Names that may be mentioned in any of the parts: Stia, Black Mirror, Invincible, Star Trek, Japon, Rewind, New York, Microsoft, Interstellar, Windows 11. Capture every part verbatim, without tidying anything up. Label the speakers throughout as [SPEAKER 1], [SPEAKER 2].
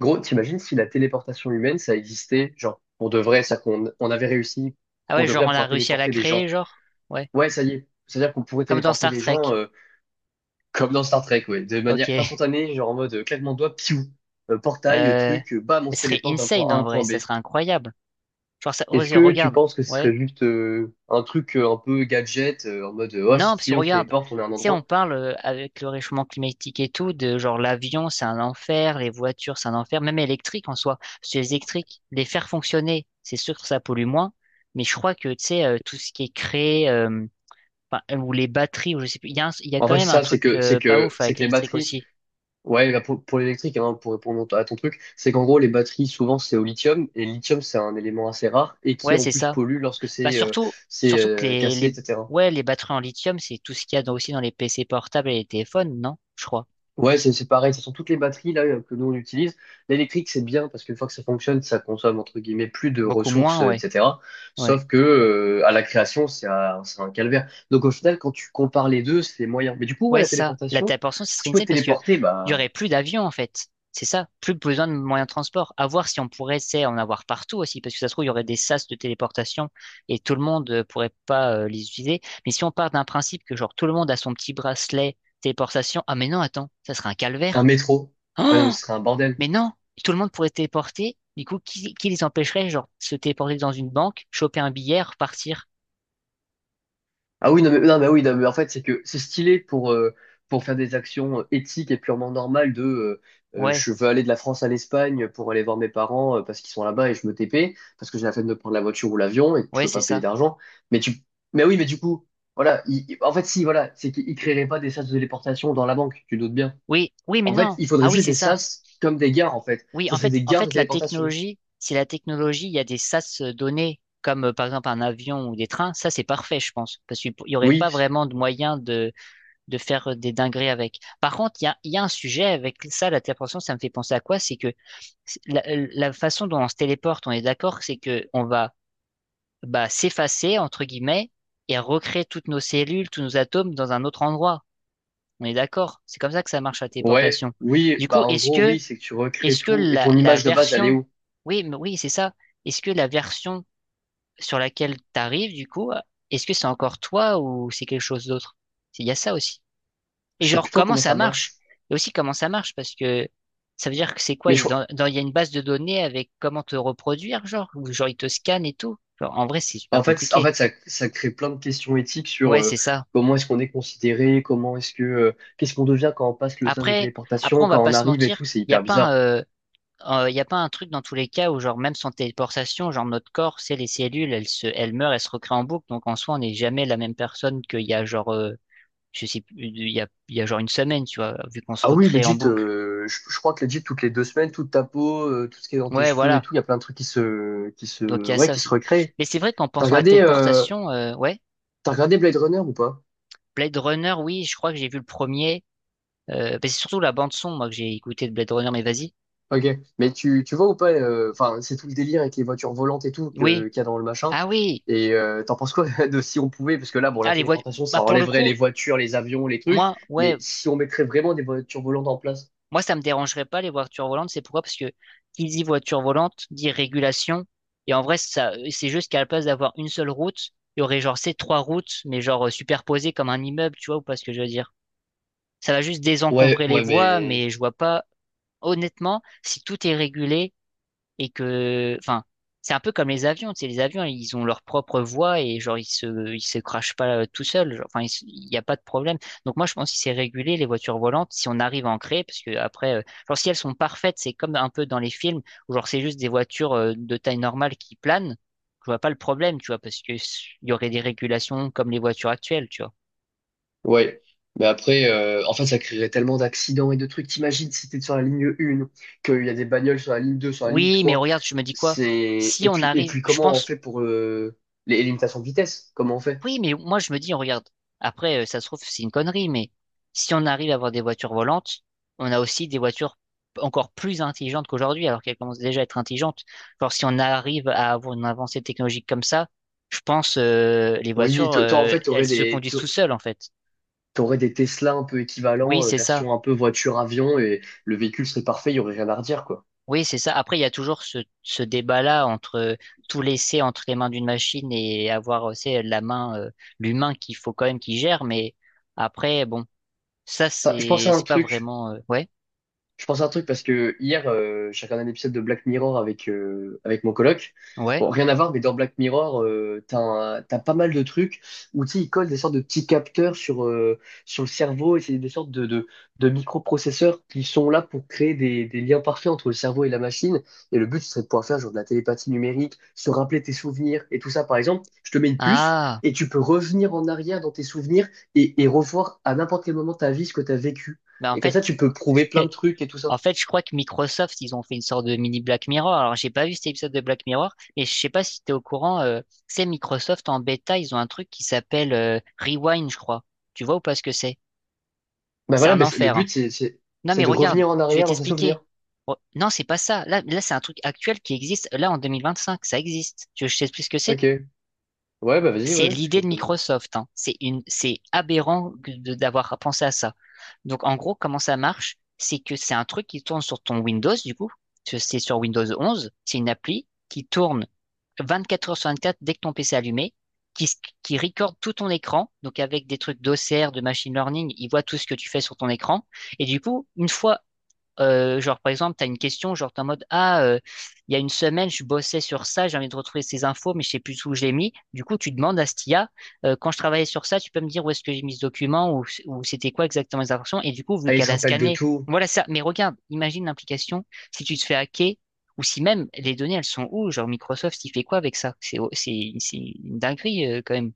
[SPEAKER 1] Gros, t'imagines si la téléportation humaine, ça existait, genre, pour de vrai, ça qu'on on avait réussi,
[SPEAKER 2] Ah
[SPEAKER 1] pour
[SPEAKER 2] ouais,
[SPEAKER 1] de vrai,
[SPEAKER 2] genre
[SPEAKER 1] à
[SPEAKER 2] on a
[SPEAKER 1] pouvoir
[SPEAKER 2] réussi à la
[SPEAKER 1] téléporter des
[SPEAKER 2] créer,
[SPEAKER 1] gens.
[SPEAKER 2] genre? Ouais.
[SPEAKER 1] Ouais, ça y est. C'est-à-dire qu'on pourrait
[SPEAKER 2] Comme dans
[SPEAKER 1] téléporter
[SPEAKER 2] Star
[SPEAKER 1] des
[SPEAKER 2] Trek.
[SPEAKER 1] gens, euh, comme dans Star Trek, ouais, de manière
[SPEAKER 2] Ok.
[SPEAKER 1] instantanée, genre en mode, euh, claquement de doigts, piou, Euh, portail, euh,
[SPEAKER 2] Euh...
[SPEAKER 1] truc, euh, bam, on
[SPEAKER 2] Ce
[SPEAKER 1] se
[SPEAKER 2] serait
[SPEAKER 1] téléporte d'un point
[SPEAKER 2] insane
[SPEAKER 1] A à
[SPEAKER 2] en
[SPEAKER 1] un
[SPEAKER 2] vrai,
[SPEAKER 1] point B.
[SPEAKER 2] ça serait incroyable. Genre ça...
[SPEAKER 1] Est-ce
[SPEAKER 2] vas-y,
[SPEAKER 1] que tu
[SPEAKER 2] regarde.
[SPEAKER 1] penses que ce
[SPEAKER 2] Ouais.
[SPEAKER 1] serait juste euh, un truc euh, un peu gadget, euh, en mode, euh, oh,
[SPEAKER 2] Non,
[SPEAKER 1] si,
[SPEAKER 2] parce que
[SPEAKER 1] si, on se
[SPEAKER 2] regarde,
[SPEAKER 1] téléporte, on est à un
[SPEAKER 2] tu sais, on
[SPEAKER 1] endroit?
[SPEAKER 2] parle euh, avec le réchauffement climatique et tout, de genre l'avion, c'est un enfer, les voitures, c'est un enfer, même électrique en soi. Parce que les électriques, les faire fonctionner, c'est sûr que ça pollue moins. Mais je crois que, tu sais, euh, tout ce qui est créé, euh, enfin, ou les batteries, ou je sais plus, il y a, un- il y a
[SPEAKER 1] En
[SPEAKER 2] quand
[SPEAKER 1] fait,
[SPEAKER 2] même un
[SPEAKER 1] ça, c'est
[SPEAKER 2] truc
[SPEAKER 1] que, c'est
[SPEAKER 2] euh, pas
[SPEAKER 1] que,
[SPEAKER 2] ouf
[SPEAKER 1] c'est
[SPEAKER 2] avec
[SPEAKER 1] que les
[SPEAKER 2] l'électrique
[SPEAKER 1] batteries.
[SPEAKER 2] aussi.
[SPEAKER 1] Ouais, bah, pour, pour l'électrique, hein, pour répondre à ton truc, c'est qu'en gros, les batteries, souvent, c'est au lithium, et le lithium, c'est un élément assez rare, et qui,
[SPEAKER 2] Ouais,
[SPEAKER 1] en
[SPEAKER 2] c'est
[SPEAKER 1] plus,
[SPEAKER 2] ça.
[SPEAKER 1] pollue lorsque
[SPEAKER 2] Bah
[SPEAKER 1] c'est euh,
[SPEAKER 2] surtout,
[SPEAKER 1] c'est
[SPEAKER 2] surtout que
[SPEAKER 1] euh,
[SPEAKER 2] les,
[SPEAKER 1] cassé,
[SPEAKER 2] les,
[SPEAKER 1] et cetera.
[SPEAKER 2] ouais, les batteries en lithium, c'est tout ce qu'il y a dans- aussi dans les P C portables et les téléphones, non? Je crois.
[SPEAKER 1] Ouais, c'est c'est pareil, ce sont toutes les batteries, là, que nous, on utilise. L'électrique, c'est bien, parce qu'une fois que ça fonctionne, ça consomme, entre guillemets, plus de
[SPEAKER 2] Beaucoup
[SPEAKER 1] ressources,
[SPEAKER 2] moins,
[SPEAKER 1] euh,
[SPEAKER 2] ouais.
[SPEAKER 1] et cetera.
[SPEAKER 2] Ouais.
[SPEAKER 1] Sauf que, euh, à la création, c'est un, c'est un calvaire. Donc, au final, quand tu compares les deux, c'est moyen. Mais du coup, ouais,
[SPEAKER 2] Ouais,
[SPEAKER 1] la
[SPEAKER 2] c'est ça. La
[SPEAKER 1] téléportation,
[SPEAKER 2] téléportation, ce
[SPEAKER 1] si
[SPEAKER 2] serait
[SPEAKER 1] tu pouvais
[SPEAKER 2] insane
[SPEAKER 1] te
[SPEAKER 2] parce que
[SPEAKER 1] téléporter,
[SPEAKER 2] il y
[SPEAKER 1] bah,
[SPEAKER 2] aurait plus d'avions, en fait. C'est ça. Plus besoin de moyens de transport. À voir si on pourrait, c'est, en avoir partout aussi, parce que ça se trouve, il y aurait des sas de téléportation et tout le monde euh, pourrait pas euh, les utiliser. Mais si on part d'un principe que genre tout le monde a son petit bracelet téléportation, ah mais non, attends, ça serait un
[SPEAKER 1] un
[SPEAKER 2] calvaire.
[SPEAKER 1] métro, ah non, mais ce serait un bordel.
[SPEAKER 2] Mais non, tout le monde pourrait se téléporter. Du coup, qui, qui les empêcherait, genre, de se téléporter dans une banque, choper un billet, repartir?
[SPEAKER 1] Ah oui, non, mais, non, mais oui, non, mais en fait, c'est que c'est stylé pour, euh, pour faire des actions euh, éthiques et purement normales de euh, euh,
[SPEAKER 2] Ouais,
[SPEAKER 1] je veux aller de la France à l'Espagne pour aller voir mes parents, euh, parce qu'ils sont là-bas et je me T P, parce que j'ai la flemme de prendre la voiture ou l'avion et que
[SPEAKER 2] ouais,
[SPEAKER 1] je veux
[SPEAKER 2] c'est
[SPEAKER 1] pas payer
[SPEAKER 2] ça.
[SPEAKER 1] d'argent. Mais tu, mais oui, mais du coup, voilà, il- il- en fait, si, voilà, c'est qu'ils créeraient pas des sas de téléportation dans la banque, tu doutes bien.
[SPEAKER 2] Oui, oui, mais
[SPEAKER 1] En fait,
[SPEAKER 2] non.
[SPEAKER 1] il faudrait
[SPEAKER 2] Ah oui,
[SPEAKER 1] juste
[SPEAKER 2] c'est
[SPEAKER 1] des
[SPEAKER 2] ça.
[SPEAKER 1] sas comme des gares, en fait.
[SPEAKER 2] Oui,
[SPEAKER 1] Ce
[SPEAKER 2] en
[SPEAKER 1] serait
[SPEAKER 2] fait,
[SPEAKER 1] des
[SPEAKER 2] en
[SPEAKER 1] gares de
[SPEAKER 2] fait, la
[SPEAKER 1] téléportation.
[SPEAKER 2] technologie, si la technologie, il y a des sas donnés, comme euh, par exemple un avion ou des trains, ça c'est parfait, je pense, parce qu'il n'y aurait
[SPEAKER 1] Oui,
[SPEAKER 2] pas vraiment de moyen de, de faire euh, des dingueries avec. Par contre, il y a, il y a un sujet avec ça, la téléportation, ça me fait penser à quoi? C'est que c'est- la, la façon dont on se téléporte, on est d'accord, c'est que on va bah, s'effacer, entre guillemets, et recréer toutes nos cellules, tous nos atomes dans un autre endroit. On est d'accord? C'est comme ça que ça marche la
[SPEAKER 1] ouais,
[SPEAKER 2] téléportation.
[SPEAKER 1] oui,
[SPEAKER 2] Du coup,
[SPEAKER 1] bah en
[SPEAKER 2] est-ce
[SPEAKER 1] gros,
[SPEAKER 2] que,
[SPEAKER 1] oui, c'est que tu recrées
[SPEAKER 2] est-ce que
[SPEAKER 1] tout et
[SPEAKER 2] la,
[SPEAKER 1] ton
[SPEAKER 2] la
[SPEAKER 1] image de base, elle est
[SPEAKER 2] version,
[SPEAKER 1] où?
[SPEAKER 2] oui, mais oui, c'est ça. Est-ce que la version sur laquelle t'arrives, du coup, est-ce que c'est encore toi ou c'est quelque chose d'autre? Il y a ça aussi. Et
[SPEAKER 1] Je sais plus
[SPEAKER 2] genre,
[SPEAKER 1] trop
[SPEAKER 2] comment
[SPEAKER 1] comment
[SPEAKER 2] ça
[SPEAKER 1] ça
[SPEAKER 2] marche?
[SPEAKER 1] marche.
[SPEAKER 2] Et aussi comment ça marche, parce que ça veut dire que c'est quoi?
[SPEAKER 1] Mais
[SPEAKER 2] Il
[SPEAKER 1] je-
[SPEAKER 2] dans- dans- il y a une base de données avec comment te reproduire, genre, ou genre ils te scannent et tout. Genre, en vrai, c'est super
[SPEAKER 1] en fait, en
[SPEAKER 2] compliqué.
[SPEAKER 1] fait ça, ça crée plein de questions éthiques sur
[SPEAKER 2] Ouais,
[SPEAKER 1] euh,
[SPEAKER 2] c'est ça.
[SPEAKER 1] comment est-ce qu'on est considéré, comment est-ce que, euh, qu'est-ce qu'on devient quand on passe le sas de
[SPEAKER 2] Après, après,
[SPEAKER 1] téléportation,
[SPEAKER 2] on va
[SPEAKER 1] quand
[SPEAKER 2] pas
[SPEAKER 1] on
[SPEAKER 2] se
[SPEAKER 1] arrive et
[SPEAKER 2] mentir,
[SPEAKER 1] tout, c'est
[SPEAKER 2] il n'y a
[SPEAKER 1] hyper
[SPEAKER 2] pas un,
[SPEAKER 1] bizarre.
[SPEAKER 2] euh, euh, y a pas un truc dans tous les cas où, genre, même sans téléportation, genre, notre corps, c'est les cellules, elles se, elles meurent, elles se recréent en boucle. Donc, en soi, on n'est jamais la même personne qu'il y a, genre, euh, je sais plus, il y a, il y a genre une semaine, tu vois, vu qu'on se
[SPEAKER 1] Ah oui,
[SPEAKER 2] recrée en
[SPEAKER 1] legit,
[SPEAKER 2] boucle.
[SPEAKER 1] euh, je, je crois que legit, toutes les deux semaines, toute ta peau, euh, tout ce qui est dans tes
[SPEAKER 2] Ouais,
[SPEAKER 1] cheveux et
[SPEAKER 2] voilà.
[SPEAKER 1] tout, il y a plein de trucs qui se, qui se,
[SPEAKER 2] Donc, il y a
[SPEAKER 1] ouais,
[SPEAKER 2] ça
[SPEAKER 1] qui se
[SPEAKER 2] aussi.
[SPEAKER 1] recréent.
[SPEAKER 2] Mais c'est vrai qu'en
[SPEAKER 1] T'as
[SPEAKER 2] pensant à la
[SPEAKER 1] regardé, euh,
[SPEAKER 2] téléportation, euh, ouais.
[SPEAKER 1] t'as regardé Blade Runner ou pas?
[SPEAKER 2] Blade Runner, oui, je crois que j'ai vu le premier. Euh, bah, c'est surtout la bande-son, moi, que j'ai écouté de Blade Runner, mais vas-y.
[SPEAKER 1] Ok, mais tu, tu vois ou pas, euh, enfin, c'est tout le délire avec les voitures volantes et tout
[SPEAKER 2] Oui.
[SPEAKER 1] que, qu'il y a dans le machin.
[SPEAKER 2] Ah oui.
[SPEAKER 1] Et euh, t'en penses quoi de si on pouvait, parce que là, bon, la
[SPEAKER 2] Ah, les voitures.
[SPEAKER 1] téléportation,
[SPEAKER 2] Bah,
[SPEAKER 1] ça
[SPEAKER 2] pour le
[SPEAKER 1] enlèverait
[SPEAKER 2] coup,
[SPEAKER 1] les voitures, les avions, les trucs,
[SPEAKER 2] moi, ouais,
[SPEAKER 1] mais si on mettrait vraiment des voitures volantes en place?
[SPEAKER 2] moi, ça me dérangerait pas les voitures volantes. C'est pourquoi? Parce que qui dit voiture volante dit régulation. Et en vrai, ça, c'est juste qu'à la place d'avoir une seule route, il y aurait genre ces trois routes, mais genre euh, superposées comme un immeuble, tu vois, ou pas ce que je veux dire. Ça va juste
[SPEAKER 1] Ouais,
[SPEAKER 2] désencombrer les
[SPEAKER 1] ouais,
[SPEAKER 2] voies,
[SPEAKER 1] mais...
[SPEAKER 2] mais je vois pas. Honnêtement, si tout est régulé, et que, enfin, c'est un peu comme les avions, tu sais, les avions, ils ont leur propre voie et genre, ils se, ils se crashent pas euh, tout seuls. Genre, enfin, ils se- il n'y a pas de problème. Donc moi, je pense que c'est régulé, les voitures volantes, si on arrive à en créer, parce que après, euh, genre, si elles sont parfaites, c'est comme un peu dans les films, où genre, c'est juste des voitures euh, de taille normale qui planent, je vois pas le problème, tu vois, parce que s- il y aurait des régulations comme les voitures actuelles, tu vois.
[SPEAKER 1] Ouais. Mais après, euh, en fait, ça créerait tellement d'accidents et de trucs. T'imagines si t'es sur la ligne un, qu'il y a des bagnoles sur la ligne deux, sur la ligne
[SPEAKER 2] Oui, mais
[SPEAKER 1] trois.
[SPEAKER 2] regarde, je me dis quoi?
[SPEAKER 1] C'est...
[SPEAKER 2] Si
[SPEAKER 1] Et
[SPEAKER 2] on
[SPEAKER 1] puis, et
[SPEAKER 2] arrive,
[SPEAKER 1] puis
[SPEAKER 2] je
[SPEAKER 1] comment on
[SPEAKER 2] pense,
[SPEAKER 1] fait pour euh, les les limitations de vitesse? Comment on fait?
[SPEAKER 2] oui, mais moi je me dis, on regarde, après, euh, ça se trouve, c'est une connerie, mais si on arrive à avoir des voitures volantes, on a aussi des voitures encore plus intelligentes qu'aujourd'hui, alors qu'elles commencent déjà à être intelligentes. Genre, si on arrive à avoir une avancée technologique comme ça, je pense euh, les
[SPEAKER 1] Oui,
[SPEAKER 2] voitures,
[SPEAKER 1] to- toi, en
[SPEAKER 2] euh,
[SPEAKER 1] fait,
[SPEAKER 2] elles
[SPEAKER 1] t'aurais
[SPEAKER 2] se
[SPEAKER 1] des,
[SPEAKER 2] conduisent tout seules, en fait.
[SPEAKER 1] tu aurais des Tesla un peu
[SPEAKER 2] Oui,
[SPEAKER 1] équivalents, euh,
[SPEAKER 2] c'est ça.
[SPEAKER 1] version un peu voiture-avion, et le véhicule serait parfait, il n'y aurait rien à redire, quoi.
[SPEAKER 2] Oui, c'est ça. Après, il y a toujours ce, ce débat-là entre euh, tout laisser entre les mains d'une machine et avoir, euh, c'est la main, euh, l'humain qu'il faut quand même qu'il gère, mais après, bon. Ça,
[SPEAKER 1] Enfin, je pense
[SPEAKER 2] c'est
[SPEAKER 1] à un
[SPEAKER 2] c'est pas
[SPEAKER 1] truc,
[SPEAKER 2] vraiment euh, ouais,
[SPEAKER 1] Je pense à un truc parce que hier, euh, j'ai regardé un épisode de Black Mirror avec, euh, avec mon coloc.
[SPEAKER 2] ouais.
[SPEAKER 1] Bon, rien à voir, mais dans Black Mirror, euh, t'as un- t'as pas mal de trucs où tu sais, ils collent des sortes de petits capteurs sur, euh, sur le cerveau et c'est des sortes de, de, de microprocesseurs qui sont là pour créer des, des liens parfaits entre le cerveau et la machine. Et le but, ce serait de pouvoir faire genre de la télépathie numérique, se rappeler tes souvenirs et tout ça. Par exemple, je te mets une puce
[SPEAKER 2] Ah,
[SPEAKER 1] et tu peux revenir en arrière dans tes souvenirs et, et revoir à n'importe quel moment de ta vie ce que tu as vécu.
[SPEAKER 2] bah en
[SPEAKER 1] Et comme
[SPEAKER 2] fait,
[SPEAKER 1] ça, tu peux prouver plein de trucs et tout
[SPEAKER 2] en
[SPEAKER 1] ça.
[SPEAKER 2] fait, je crois que Microsoft, ils ont fait une sorte de mini Black Mirror. Alors, j'ai pas vu cet épisode de Black Mirror, mais je sais pas si t'es au courant, euh, c'est Microsoft en bêta, ils ont un truc qui s'appelle euh, Rewind, je crois. Tu vois ou pas ce que c'est?
[SPEAKER 1] Bah
[SPEAKER 2] C'est
[SPEAKER 1] voilà,
[SPEAKER 2] un
[SPEAKER 1] bah c'est- le
[SPEAKER 2] enfer, hein.
[SPEAKER 1] but, c'est, c'est,
[SPEAKER 2] Non,
[SPEAKER 1] c'est
[SPEAKER 2] mais
[SPEAKER 1] de
[SPEAKER 2] regarde,
[SPEAKER 1] revenir en
[SPEAKER 2] je vais
[SPEAKER 1] arrière dans ses
[SPEAKER 2] t'expliquer.
[SPEAKER 1] souvenirs.
[SPEAKER 2] Re- Non, c'est pas ça. Là, là, c'est un truc actuel qui existe. Là, en deux mille vingt cinq ça existe. Tu veux que je t'explique ce que c'est?
[SPEAKER 1] Ok. Ouais, bah vas-y,
[SPEAKER 2] C'est
[SPEAKER 1] ouais, parce
[SPEAKER 2] l'idée
[SPEAKER 1] que...
[SPEAKER 2] de Microsoft, hein. C'est une, c'est aberrant que de- d'avoir pensé à ça. Donc en gros, comment ça marche? C'est que c'est un truc qui tourne sur ton Windows, du coup. Parce que c'est sur Windows onze. C'est une appli qui tourne vingt-quatre heures sur vingt-quatre dès que ton P C est allumé, qui, s- qui recorde tout ton écran. Donc avec des trucs d'O C R, de machine learning, il voit tout ce que tu fais sur ton écran. Et du coup, une fois euh, genre, par exemple, tu as une question, genre, t'es en mode, ah, euh, il y a une semaine, je bossais sur ça, j'ai envie de retrouver ces infos, mais je sais plus où je l'ai mis. Du coup, tu demandes à Stia, euh, quand je travaillais sur ça, tu peux me dire où est-ce que j'ai mis ce document ou, ou c'était quoi exactement les informations. Et du coup, vu
[SPEAKER 1] Ah, il
[SPEAKER 2] qu'elle
[SPEAKER 1] se
[SPEAKER 2] a
[SPEAKER 1] rappelle de
[SPEAKER 2] scanné,
[SPEAKER 1] tout.
[SPEAKER 2] voilà ça. Mais regarde, imagine l'implication si tu te fais hacker ou si même les données, elles sont où? Genre, Microsoft, il fait quoi avec ça? C'est, c'est, c'est une dinguerie, euh, quand même.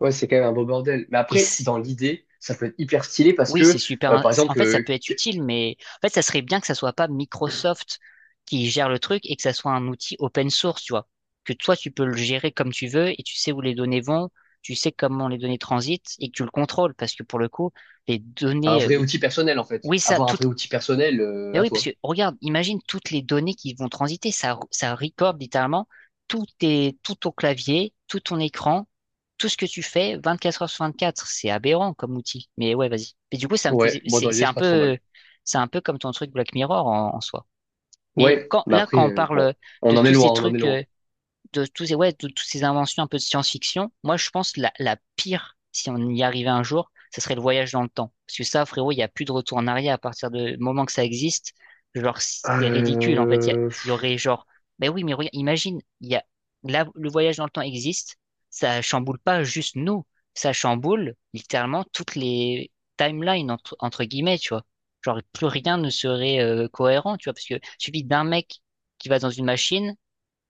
[SPEAKER 1] Ouais, c'est quand même un beau bordel. Mais
[SPEAKER 2] Et
[SPEAKER 1] après, dans l'idée, ça peut être hyper stylé parce
[SPEAKER 2] oui, c'est
[SPEAKER 1] que,
[SPEAKER 2] super.
[SPEAKER 1] euh,
[SPEAKER 2] in-
[SPEAKER 1] par
[SPEAKER 2] En
[SPEAKER 1] exemple,
[SPEAKER 2] fait, ça
[SPEAKER 1] euh,
[SPEAKER 2] peut être
[SPEAKER 1] qu-
[SPEAKER 2] utile, mais en fait, ça serait bien que ça soit pas Microsoft qui gère le truc et que ça soit un outil open source, tu vois. Que toi, tu peux le gérer comme tu veux et tu sais où les données vont, tu sais comment les données transitent et que tu le contrôles parce que pour le coup, les
[SPEAKER 1] un
[SPEAKER 2] données, euh,
[SPEAKER 1] vrai outil personnel, en fait.
[SPEAKER 2] oui, ça,
[SPEAKER 1] Avoir un
[SPEAKER 2] tout,
[SPEAKER 1] vrai outil personnel, euh,
[SPEAKER 2] mais
[SPEAKER 1] à
[SPEAKER 2] oui, parce que
[SPEAKER 1] toi.
[SPEAKER 2] regarde, imagine toutes les données qui vont transiter. Ça, ça recorde littéralement tout, tes, tout ton clavier, tout ton écran, tout ce que tu fais vingt-quatre heures sur vingt-quatre. C'est aberrant comme outil. Mais ouais, vas-y. Mais du coup, ça me
[SPEAKER 1] Ouais,
[SPEAKER 2] faisait,
[SPEAKER 1] moi,
[SPEAKER 2] c'est
[SPEAKER 1] dans
[SPEAKER 2] c'est
[SPEAKER 1] l'idée, c'est
[SPEAKER 2] un
[SPEAKER 1] pas trop
[SPEAKER 2] peu,
[SPEAKER 1] mal.
[SPEAKER 2] c'est un peu comme ton truc Black Mirror en, en soi. Mais
[SPEAKER 1] Ouais,
[SPEAKER 2] quand,
[SPEAKER 1] mais
[SPEAKER 2] là,
[SPEAKER 1] après,
[SPEAKER 2] quand on
[SPEAKER 1] euh, bon,
[SPEAKER 2] parle de
[SPEAKER 1] on en est
[SPEAKER 2] tous ces
[SPEAKER 1] loin, on en est
[SPEAKER 2] trucs, euh,
[SPEAKER 1] loin.
[SPEAKER 2] de tous ces, ouais, de toutes ces inventions un peu de science-fiction, moi, je pense la, la pire, si on y arrivait un jour, ce serait le voyage dans le temps. Parce que ça, frérot, il n'y a plus de retour en arrière à partir du moment que ça existe. Genre, c'est ridicule, en fait. Il y, a-
[SPEAKER 1] Euh...
[SPEAKER 2] il y aurait genre, ben oui, mais regarde, imagine, il y a, là, le voyage dans le temps existe. Ça chamboule pas juste nous. Ça chamboule littéralement toutes les timelines, entre, entre guillemets, tu vois. Genre, plus rien ne serait euh, cohérent, tu vois. Parce que suffit d'un mec qui va dans une machine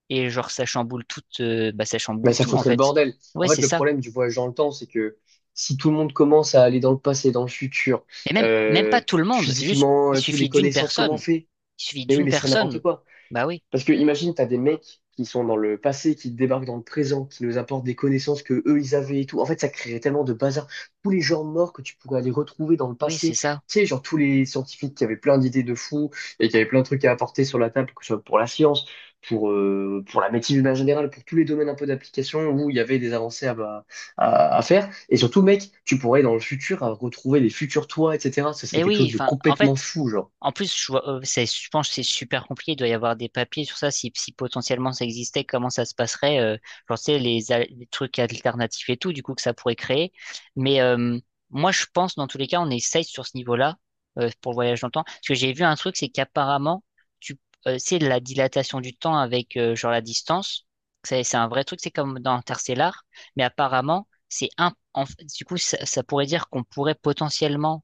[SPEAKER 2] et genre, ça chamboule tout, euh, bah, ça
[SPEAKER 1] Mais
[SPEAKER 2] chamboule
[SPEAKER 1] ça
[SPEAKER 2] tout, en
[SPEAKER 1] foutrait le
[SPEAKER 2] fait.
[SPEAKER 1] bordel. En
[SPEAKER 2] Ouais,
[SPEAKER 1] fait,
[SPEAKER 2] c'est
[SPEAKER 1] le
[SPEAKER 2] ça.
[SPEAKER 1] problème du voyage dans le temps, c'est que si tout le monde commence à aller dans le passé, dans le futur,
[SPEAKER 2] Et même, même pas
[SPEAKER 1] euh,
[SPEAKER 2] tout le monde. Juste,
[SPEAKER 1] physiquement,
[SPEAKER 2] il
[SPEAKER 1] euh, tout, les
[SPEAKER 2] suffit d'une
[SPEAKER 1] connaissances, comment on
[SPEAKER 2] personne.
[SPEAKER 1] fait?
[SPEAKER 2] Il suffit
[SPEAKER 1] Mais oui,
[SPEAKER 2] d'une
[SPEAKER 1] mais c'est n'importe
[SPEAKER 2] personne.
[SPEAKER 1] quoi.
[SPEAKER 2] Bah oui,
[SPEAKER 1] Parce que imagine, t'as des mecs qui sont dans le passé, qui débarquent dans le présent, qui nous apportent des connaissances que eux ils avaient et tout. En fait, ça créerait tellement de bazar. Tous les gens morts que tu pourrais aller retrouver dans le
[SPEAKER 2] oui, c'est
[SPEAKER 1] passé. Tu
[SPEAKER 2] ça.
[SPEAKER 1] sais, genre tous les scientifiques qui avaient plein d'idées de fous et qui avaient plein de trucs à apporter sur la table, que ce soit pour la science, pour, euh, pour la médecine de manière générale, pour tous les domaines un peu d'application où il y avait des avancées à, bah, à, à faire. Et surtout, mec, tu pourrais dans le futur, euh, retrouver les futurs toi, et cetera. Ce serait
[SPEAKER 2] Mais
[SPEAKER 1] quelque
[SPEAKER 2] oui,
[SPEAKER 1] chose de
[SPEAKER 2] enfin, en
[SPEAKER 1] complètement
[SPEAKER 2] fait,
[SPEAKER 1] fou, genre.
[SPEAKER 2] en plus, je vois, euh, c'est- je pense que c'est super compliqué. Il doit y avoir des papiers sur ça. Si, si potentiellement ça existait, comment ça se passerait? Euh, genre, tu sais, les, al- les trucs alternatifs et tout, du coup, que ça pourrait créer. Mais euh, moi, je pense, dans tous les cas, on est safe sur ce niveau-là euh, pour le voyage dans le temps. Parce que j'ai vu un truc, c'est qu'apparemment, tu, euh, c'est la dilatation du temps avec euh, genre la distance. C'est c'est un vrai truc, c'est comme dans Interstellar. Mais apparemment, c'est un. en- du coup, ça, ça pourrait dire qu'on pourrait potentiellement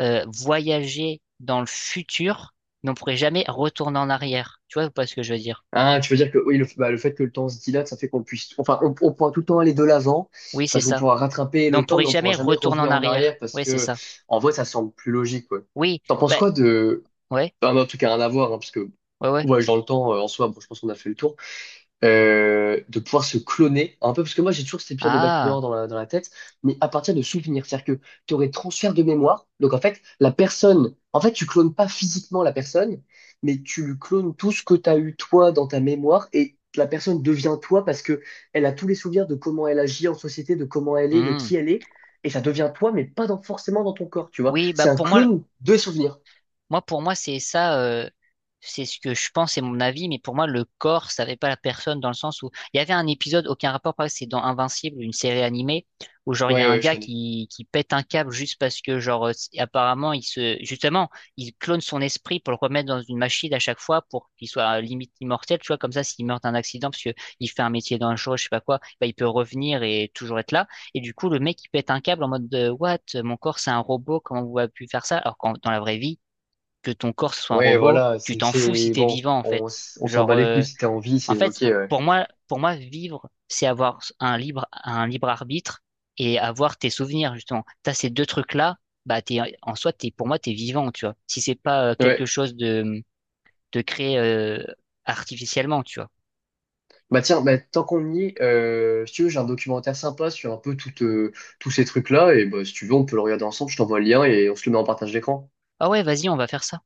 [SPEAKER 2] euh, voyager dans le futur, mais on pourrait jamais retourner en arrière. Tu vois ou pas ce que je veux dire?
[SPEAKER 1] Ah, tu veux dire que oui, le, bah, le fait que le temps se dilate, ça fait qu'on puisse, enfin, on, on pourra tout le temps aller de l'avant
[SPEAKER 2] Oui, c'est
[SPEAKER 1] parce qu'on
[SPEAKER 2] ça.
[SPEAKER 1] pourra rattraper
[SPEAKER 2] Mais on
[SPEAKER 1] le temps, mais
[SPEAKER 2] pourrait
[SPEAKER 1] on pourra
[SPEAKER 2] jamais
[SPEAKER 1] jamais
[SPEAKER 2] retourner en
[SPEAKER 1] revenir en arrière
[SPEAKER 2] arrière.
[SPEAKER 1] parce
[SPEAKER 2] Oui, c'est
[SPEAKER 1] que,
[SPEAKER 2] ça.
[SPEAKER 1] en vrai, ça semble plus logique, quoi.
[SPEAKER 2] Oui,
[SPEAKER 1] T'en penses
[SPEAKER 2] bah,
[SPEAKER 1] quoi de,
[SPEAKER 2] ouais,
[SPEAKER 1] bah, en tout cas, rien à voir, hein, parce que
[SPEAKER 2] ouais, ouais.
[SPEAKER 1] voyage dans le temps, euh, en soi, bon, je pense qu'on a fait le tour, euh, de pouvoir se cloner un peu, parce que moi j'ai toujours cet épisode de Black
[SPEAKER 2] Ah,
[SPEAKER 1] Mirror dans la, dans la tête, mais à partir de souvenirs, c'est-à-dire que tu aurais transfert de mémoire, donc en fait la personne, en fait tu clones pas physiquement la personne, mais tu lui clones tout ce que tu as eu toi dans ta mémoire, et la personne devient toi parce que elle a tous les souvenirs de comment elle agit en société, de comment elle est, de
[SPEAKER 2] hmm.
[SPEAKER 1] qui elle est, et ça devient toi, mais pas dans, forcément dans ton corps, tu vois.
[SPEAKER 2] Oui, bah
[SPEAKER 1] C'est un
[SPEAKER 2] pour moi,
[SPEAKER 1] clone de souvenirs.
[SPEAKER 2] moi, pour moi, c'est ça, euh, c'est ce que je pense, c'est mon avis, mais pour moi, le corps, ça savait pas la personne dans le sens où il y avait un épisode, aucun rapport, pareil, c'est dans Invincible, une série animée, où genre, il y
[SPEAKER 1] Ouais,
[SPEAKER 2] a un
[SPEAKER 1] ouais, je
[SPEAKER 2] gars
[SPEAKER 1] connais.
[SPEAKER 2] qui, qui pète un câble juste parce que, genre, euh, c'est- apparemment, il se, justement, il clone son esprit pour le remettre dans une machine à chaque fois pour qu'il soit euh, limite immortel, tu vois, comme ça, s'il meurt d'un accident, parce que il fait un métier dangereux, je sais pas quoi, bah, il peut revenir et toujours être là. Et du coup, le mec, il pète un câble en mode de, what? Mon corps, c'est un robot, comment vous avez pu faire ça? Alors qu'en, dans la vraie vie, que ton corps soit un
[SPEAKER 1] Ouais,
[SPEAKER 2] robot,
[SPEAKER 1] voilà,
[SPEAKER 2] tu
[SPEAKER 1] c'est
[SPEAKER 2] t'en fous si
[SPEAKER 1] c'est-
[SPEAKER 2] t'es
[SPEAKER 1] bon,
[SPEAKER 2] vivant en
[SPEAKER 1] on,
[SPEAKER 2] fait.
[SPEAKER 1] s- on s'en
[SPEAKER 2] Genre,
[SPEAKER 1] bat les
[SPEAKER 2] euh,
[SPEAKER 1] couilles si t'as envie,
[SPEAKER 2] en
[SPEAKER 1] c'est ok,
[SPEAKER 2] fait,
[SPEAKER 1] ouais.
[SPEAKER 2] pour moi, pour moi, vivre, c'est avoir un libre, un libre arbitre et avoir tes souvenirs justement. T'as ces deux trucs-là, bah t'es, en soi, t'es, pour moi, t'es vivant, tu vois. Si c'est pas euh, quelque
[SPEAKER 1] Ouais.
[SPEAKER 2] chose de, de créé euh, artificiellement, tu vois.
[SPEAKER 1] Bah tiens, bah, tant qu'on y est, euh, si tu veux, j'ai un documentaire sympa sur un peu tout, euh, tous ces trucs-là. Et bah, si tu veux, on peut le regarder ensemble. Je t'envoie le lien et on se le met en partage d'écran.
[SPEAKER 2] Ah ouais, vas-y, on va faire ça.